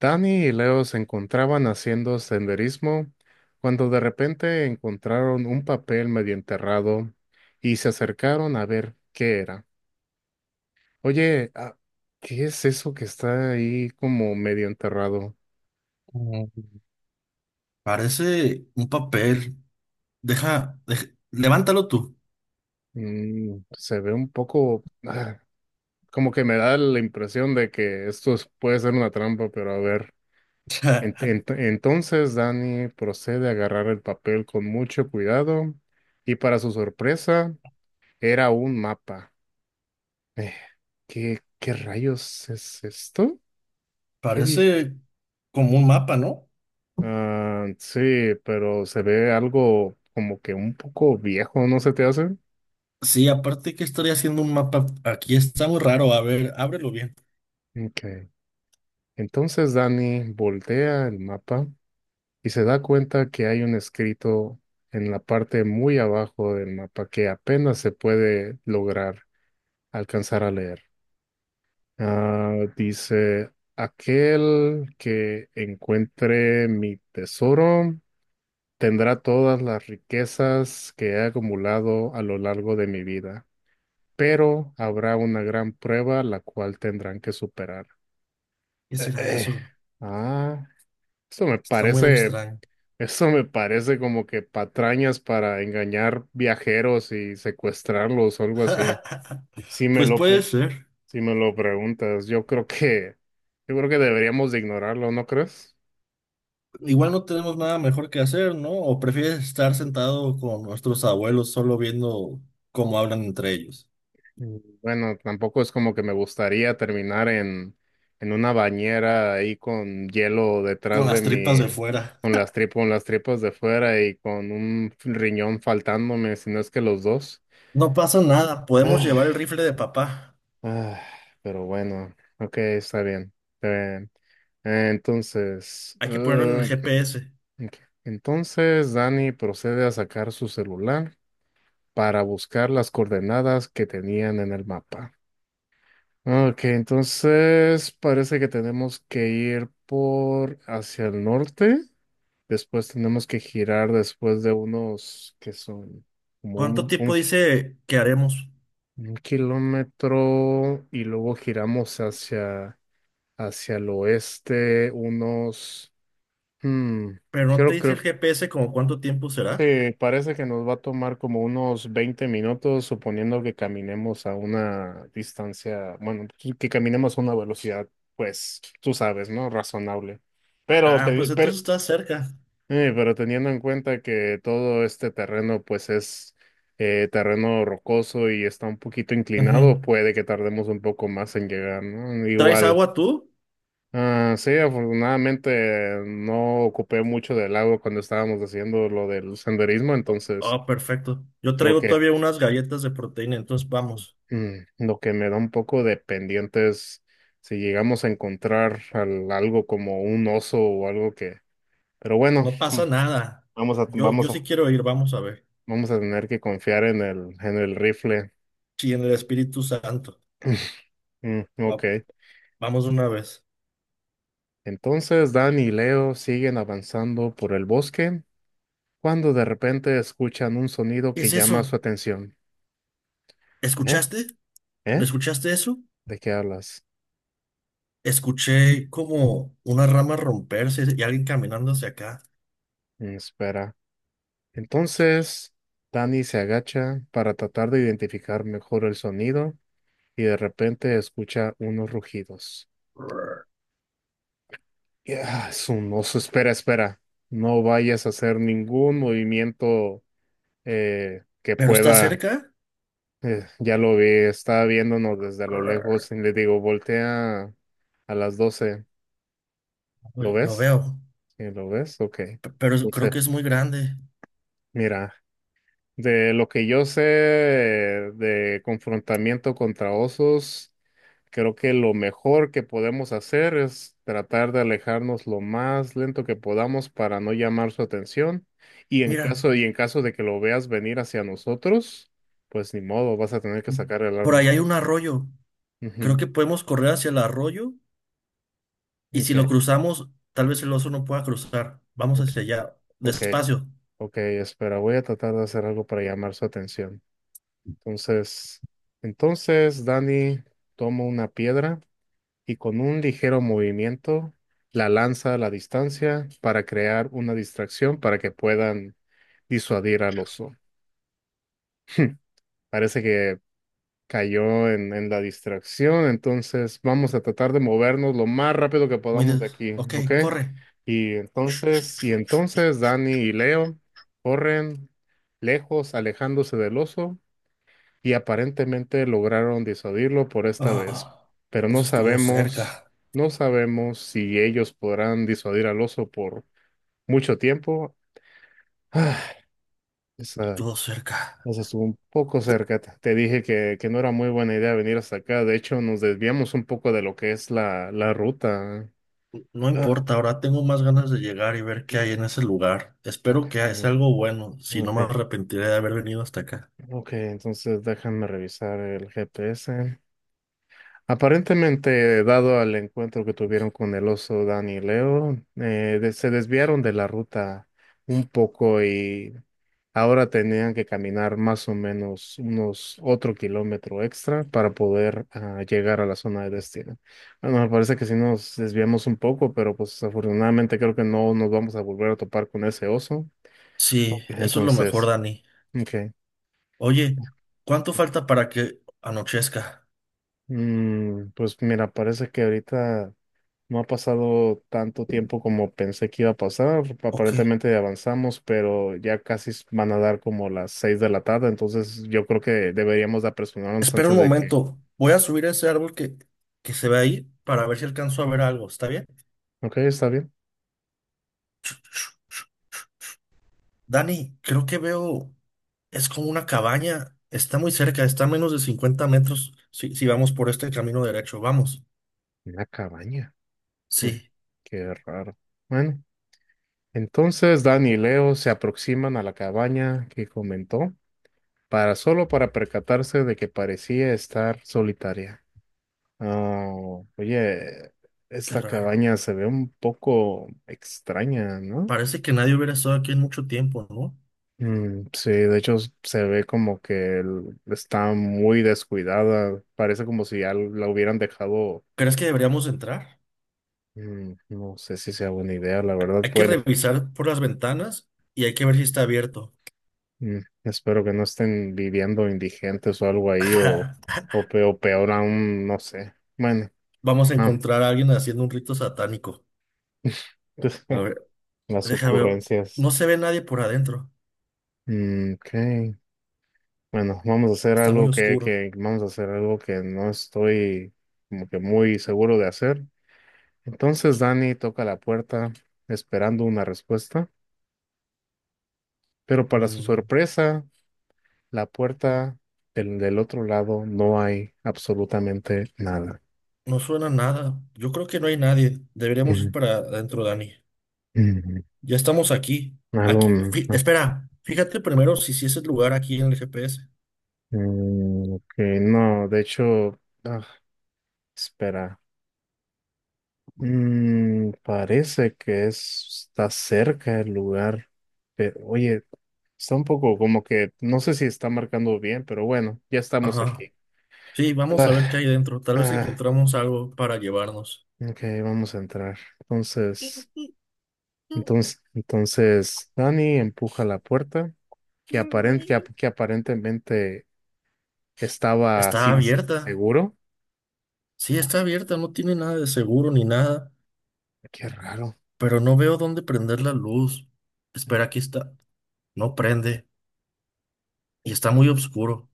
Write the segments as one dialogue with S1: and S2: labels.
S1: Danny y Leo se encontraban haciendo senderismo cuando de repente encontraron un papel medio enterrado y se acercaron a ver qué era. Oye, ¿qué es eso que está ahí como medio enterrado?
S2: Mm, Parece un papel. Deja, levántalo tú.
S1: Mm, se ve un poco, como que me da la impresión de que puede ser una trampa, pero a ver.
S2: O
S1: Ent-
S2: sea,
S1: ent- entonces Danny procede a agarrar el papel con mucho cuidado y para su sorpresa era un mapa. Eh, qué rayos es esto? ¿Qué dice?
S2: parece como un mapa, ¿no?
S1: Ah, sí, pero se ve algo como que un poco viejo, ¿no se te hace?
S2: Sí, aparte que estaría haciendo un mapa. Aquí está muy raro. A ver, ábrelo bien.
S1: Okay. Entonces Dani voltea el mapa y se da cuenta que hay un escrito en la parte muy abajo del mapa que apenas se puede lograr alcanzar a leer. Ah, dice, aquel que encuentre mi tesoro tendrá todas las riquezas que he acumulado a lo largo de mi vida, pero habrá una gran prueba la cual tendrán que superar.
S2: ¿Qué
S1: Eh,
S2: será
S1: eh,
S2: eso?
S1: Ah, esto me
S2: Está muy
S1: parece,
S2: extraño.
S1: esto me parece como que patrañas para engañar viajeros y secuestrarlos o algo así. Si me
S2: Pues
S1: lo, pe-
S2: puede ser.
S1: si me lo preguntas, yo creo que deberíamos de ignorarlo, ¿no crees?
S2: Igual no tenemos nada mejor que hacer, ¿no? ¿O prefieres estar sentado con nuestros abuelos solo viendo cómo hablan entre ellos?
S1: Mm, bueno, tampoco es como que me gustaría terminar en una bañera ahí con hielo
S2: Con
S1: detrás de
S2: las tripas
S1: mi,
S2: de fuera.
S1: con las tripas de fuera y con un riñón faltándome, si no es que los dos.
S2: No pasa nada. Podemos
S1: Ah,
S2: llevar el rifle de papá.
S1: ah, pero bueno, ok, está bien. Está bien. Entonces,
S2: Hay que ponerlo en el GPS.
S1: ok. Entonces Dani procede a sacar su celular para buscar las coordenadas que tenían en el mapa. Ok, entonces parece que tenemos que ir por hacia el norte. Después tenemos que girar después de unos que son como
S2: ¿Cuánto
S1: un
S2: tiempo
S1: ki-
S2: dice que haremos?
S1: un kilómetro y luego giramos hacia el oeste unos... hmm,
S2: Pero no te dice
S1: creo.
S2: el GPS como cuánto tiempo será.
S1: Sí, parece que nos va a tomar como unos 20 minutos, suponiendo que caminemos a una distancia, bueno, pues, que caminemos a una velocidad, pues, tú sabes, ¿no? Razonable. Pero,
S2: Ah,
S1: te-
S2: pues
S1: pero,
S2: entonces estás cerca.
S1: pero teniendo en cuenta que todo este terreno, pues, es terreno rocoso y está un poquito
S2: Ujú.
S1: inclinado, puede que tardemos un poco más en llegar, ¿no?
S2: ¿Traes
S1: Igual.
S2: agua tú?
S1: Ah, sí, afortunadamente no ocupé mucho del agua cuando estábamos haciendo lo del senderismo,
S2: Oh,
S1: entonces...
S2: oh, perfecto. Yo
S1: Creo
S2: traigo
S1: que
S2: todavía unas galletas de proteína, entonces vamos.
S1: mm, lo que me da un poco de pendiente es si llegamos a encontrar algo como un oso o algo que... Pero bueno,
S2: No pasa nada.
S1: vamos a,
S2: Yo
S1: vamos
S2: sí
S1: a,
S2: quiero ir, vamos a ver.
S1: vamos a tener que confiar en en el rifle.
S2: Sí, en el Espíritu Santo.
S1: Mm,
S2: Va-
S1: ok.
S2: Vamos de una vez.
S1: Entonces Dan y Leo siguen avanzando por el bosque cuando de repente escuchan un sonido
S2: ¿Qué
S1: que
S2: es
S1: llama
S2: eso?
S1: su atención. ¿Eh?
S2: ¿Escuchaste? ¿No
S1: ¿Eh?
S2: escuchaste eso?
S1: ¿De qué hablas?
S2: Escuché como una rama romperse y alguien caminando hacia acá.
S1: Mm, espera. Entonces Danny se agacha para tratar de identificar mejor el sonido y de repente escucha unos rugidos. Es un oso. Espera, espera. No vayas a hacer ningún movimiento que
S2: ¿Pero está
S1: pueda.
S2: cerca?
S1: Ya lo vi, estaba viéndonos desde lo lejos y le digo, voltea a las 12. ¿Lo
S2: Uy, lo
S1: ves?
S2: veo,
S1: Sí, ¿lo ves? Ok.
S2: pero creo
S1: Entonces,
S2: que es muy grande.
S1: mira, de lo que yo sé de confrontamiento contra osos. Creo que lo mejor que podemos hacer es tratar de alejarnos lo más lento que podamos para no llamar su atención.
S2: Mira,
S1: Y en caso de que lo veas venir hacia nosotros, pues ni modo, vas a tener que sacar el
S2: por ahí
S1: arma.
S2: hay un arroyo. Creo
S1: Ujú.
S2: que podemos correr hacia el arroyo y si lo
S1: Okay.
S2: cruzamos, tal vez el oso no pueda cruzar. Vamos
S1: Ok,
S2: hacia allá,
S1: ok,
S2: despacio.
S1: ok, espera, voy a tratar de hacer algo para llamar su atención. Entonces, Dani tomo una piedra y con un ligero movimiento la lanza a la distancia para crear una distracción para que puedan disuadir al oso. Parece que cayó en la distracción, entonces vamos a tratar de movernos lo más rápido que
S2: Muy
S1: podamos
S2: de...
S1: de aquí,
S2: Ok,
S1: ¿ok?
S2: corre.
S1: Y entonces Dani y Leo corren lejos, alejándose del oso y aparentemente lograron disuadirlo por esta vez,
S2: Ah,
S1: pero
S2: eso estuvo cerca,
S1: no sabemos si ellos podrán disuadir al oso por mucho tiempo. Ah, esa,
S2: estuvo cerca.
S1: esa estuvo un poco cerca. Te dije que no era muy buena idea venir hasta acá. De hecho, nos desviamos un poco de lo que es la ruta.
S2: No
S1: Ah,
S2: importa, ahora tengo más ganas de llegar y ver qué hay
S1: ok,
S2: en ese lugar.
S1: ok,
S2: Espero que sea algo bueno, si no me
S1: ok.
S2: arrepentiré de haber venido hasta acá.
S1: Ok. Entonces déjame revisar el GPS. Aparentemente, dado al encuentro que tuvieron con el oso Dan y Leo, se desviaron de la ruta un poco y ahora tenían que caminar más o menos unos otro kilómetro extra para poder llegar a la zona de destino. Bueno, me parece que sí nos desviamos un poco, pero pues afortunadamente creo que no nos vamos a volver a topar con ese oso.
S2: Sí, eso es lo mejor,
S1: Entonces,
S2: Dani.
S1: ok.
S2: Oye, ¿cuánto falta para que anochezca?
S1: Mm, pues mira, parece que ahorita. No ha pasado tanto tiempo como pensé que iba a pasar.
S2: Ok.
S1: Aparentemente avanzamos, pero ya casi van a dar como las seis de la tarde, entonces yo creo que deberíamos de apresurarnos
S2: Espera un
S1: antes de que...
S2: momento. Voy a subir ese árbol que se ve ahí para ver si alcanzo a ver algo. ¿Está bien?
S1: Ok, está bien.
S2: Dani, creo que veo... Es como una cabaña. Está muy cerca. Está a menos de 50 metros si vamos por este camino derecho. Vamos.
S1: Una cabaña. Mm,
S2: Sí,
S1: qué raro. Bueno, entonces Dan y Leo se aproximan a la cabaña que comentó, para solo para percatarse de que parecía estar solitaria. Ah, oye,
S2: qué
S1: esta
S2: raro.
S1: cabaña se ve un poco extraña, ¿no?
S2: Parece que nadie hubiera estado aquí en mucho tiempo, ¿no?
S1: Mm, sí, de hecho se ve como que está muy descuidada. Parece como si ya la hubieran dejado.
S2: ¿Crees que deberíamos entrar?
S1: Mm, no sé si sea buena idea, la verdad.
S2: Hay que
S1: Pueden,
S2: revisar por las ventanas y hay que ver si está abierto.
S1: mm, espero que no estén viviendo indigentes o algo ahí, o peor aún, no sé. Bueno,
S2: Vamos a
S1: ah,
S2: encontrar a alguien haciendo un rito satánico. A ver,
S1: las
S2: déjame ver.
S1: ocurrencias.
S2: No se ve nadie por adentro.
S1: Mm, ok. Bueno,
S2: Está muy oscuro.
S1: vamos a hacer algo que no estoy como que muy seguro de hacer. Entonces Danny toca la puerta esperando una respuesta, pero para su
S2: Mm,
S1: sorpresa, la puerta del otro lado no hay absolutamente nada.
S2: no suena nada. Yo creo que no hay nadie. Deberíamos ir
S1: Mm,
S2: para adentro, Dani.
S1: mm,
S2: Ya estamos aquí.
S1: Algo,
S2: Aquí.
S1: mm, ah,
S2: Espera. Fíjate primero si es el lugar aquí en el GPS.
S1: mm, ok, no, de hecho, ah, espera. Mm, parece que está cerca el lugar, pero oye, está un poco como que, no sé si está marcando bien, pero bueno, ya estamos
S2: Ajá.
S1: aquí.
S2: Sí, vamos a
S1: Ah,
S2: ver qué hay dentro. Tal vez
S1: ah.
S2: encontramos algo para llevarnos.
S1: Ok, vamos a entrar. Dani empuja la puerta, que, aparentemente estaba
S2: Está
S1: sin
S2: abierta.
S1: seguro.
S2: Sí,
S1: No,
S2: está abierta. No tiene nada de seguro ni nada.
S1: qué raro.
S2: Pero no veo dónde prender la luz.
S1: Mm,
S2: Espera, aquí está. No prende. Y está muy oscuro.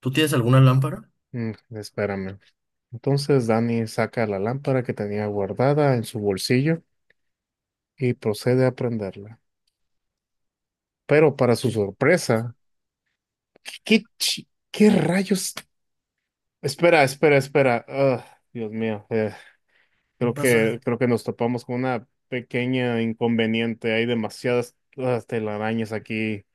S2: ¿Tú tienes alguna lámpara?
S1: espérame. Entonces, Dani saca la lámpara que tenía guardada en su bolsillo y procede a prenderla. Pero para su
S2: ¿Qué,
S1: sorpresa, qué rayos? Espera, espera, espera. Ah, Dios mío.
S2: qué pasa?
S1: Creo que nos topamos con una pequeña inconveniente. Hay demasiadas telarañas aquí.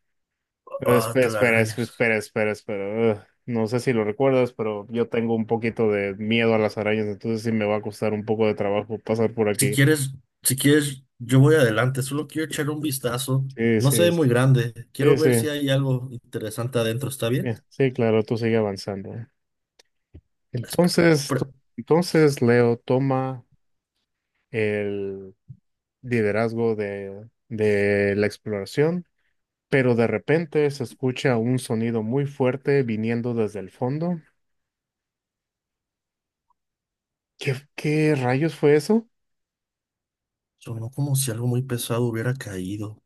S1: Pero
S2: Ah, te la
S1: espera,
S2: arañas.
S1: espera, espera, espera. Ugh. No sé si lo recuerdas, pero yo tengo un poquito de miedo a las arañas, entonces sí me va a costar un poco de trabajo pasar por
S2: Si
S1: aquí.
S2: quieres, si quieres, yo voy adelante. Solo quiero echar un vistazo.
S1: Sí,
S2: No se
S1: sí,
S2: ve
S1: sí,
S2: muy grande. Quiero
S1: sí, sí,
S2: ver si hay algo interesante adentro. ¿Está
S1: sí,
S2: bien?
S1: sí, claro, tú sigue avanzando.
S2: Espe-
S1: Entonces, tú-
S2: pre-
S1: entonces Leo toma el liderazgo de la exploración. Pero de repente se escucha un sonido muy fuerte viniendo desde el fondo. Qué rayos fue eso?
S2: Sonó como si algo muy pesado hubiera caído.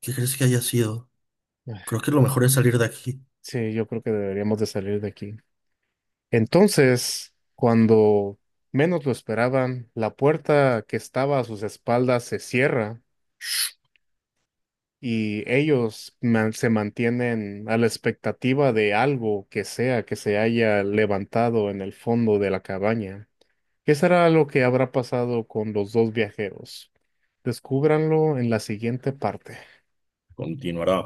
S2: ¿Qué crees que haya sido? Creo
S1: Ah,
S2: que lo mejor es salir de aquí.
S1: Sí, yo creo que deberíamos de salir de aquí. Entonces, cuando menos lo esperaban, la puerta que estaba a sus espaldas se cierra y ellos se mantienen a la expectativa de algo que sea que se haya levantado en el fondo de la cabaña. ¿Qué será lo que habrá pasado con los dos viajeros? Descúbranlo en la siguiente parte.
S2: Continuará.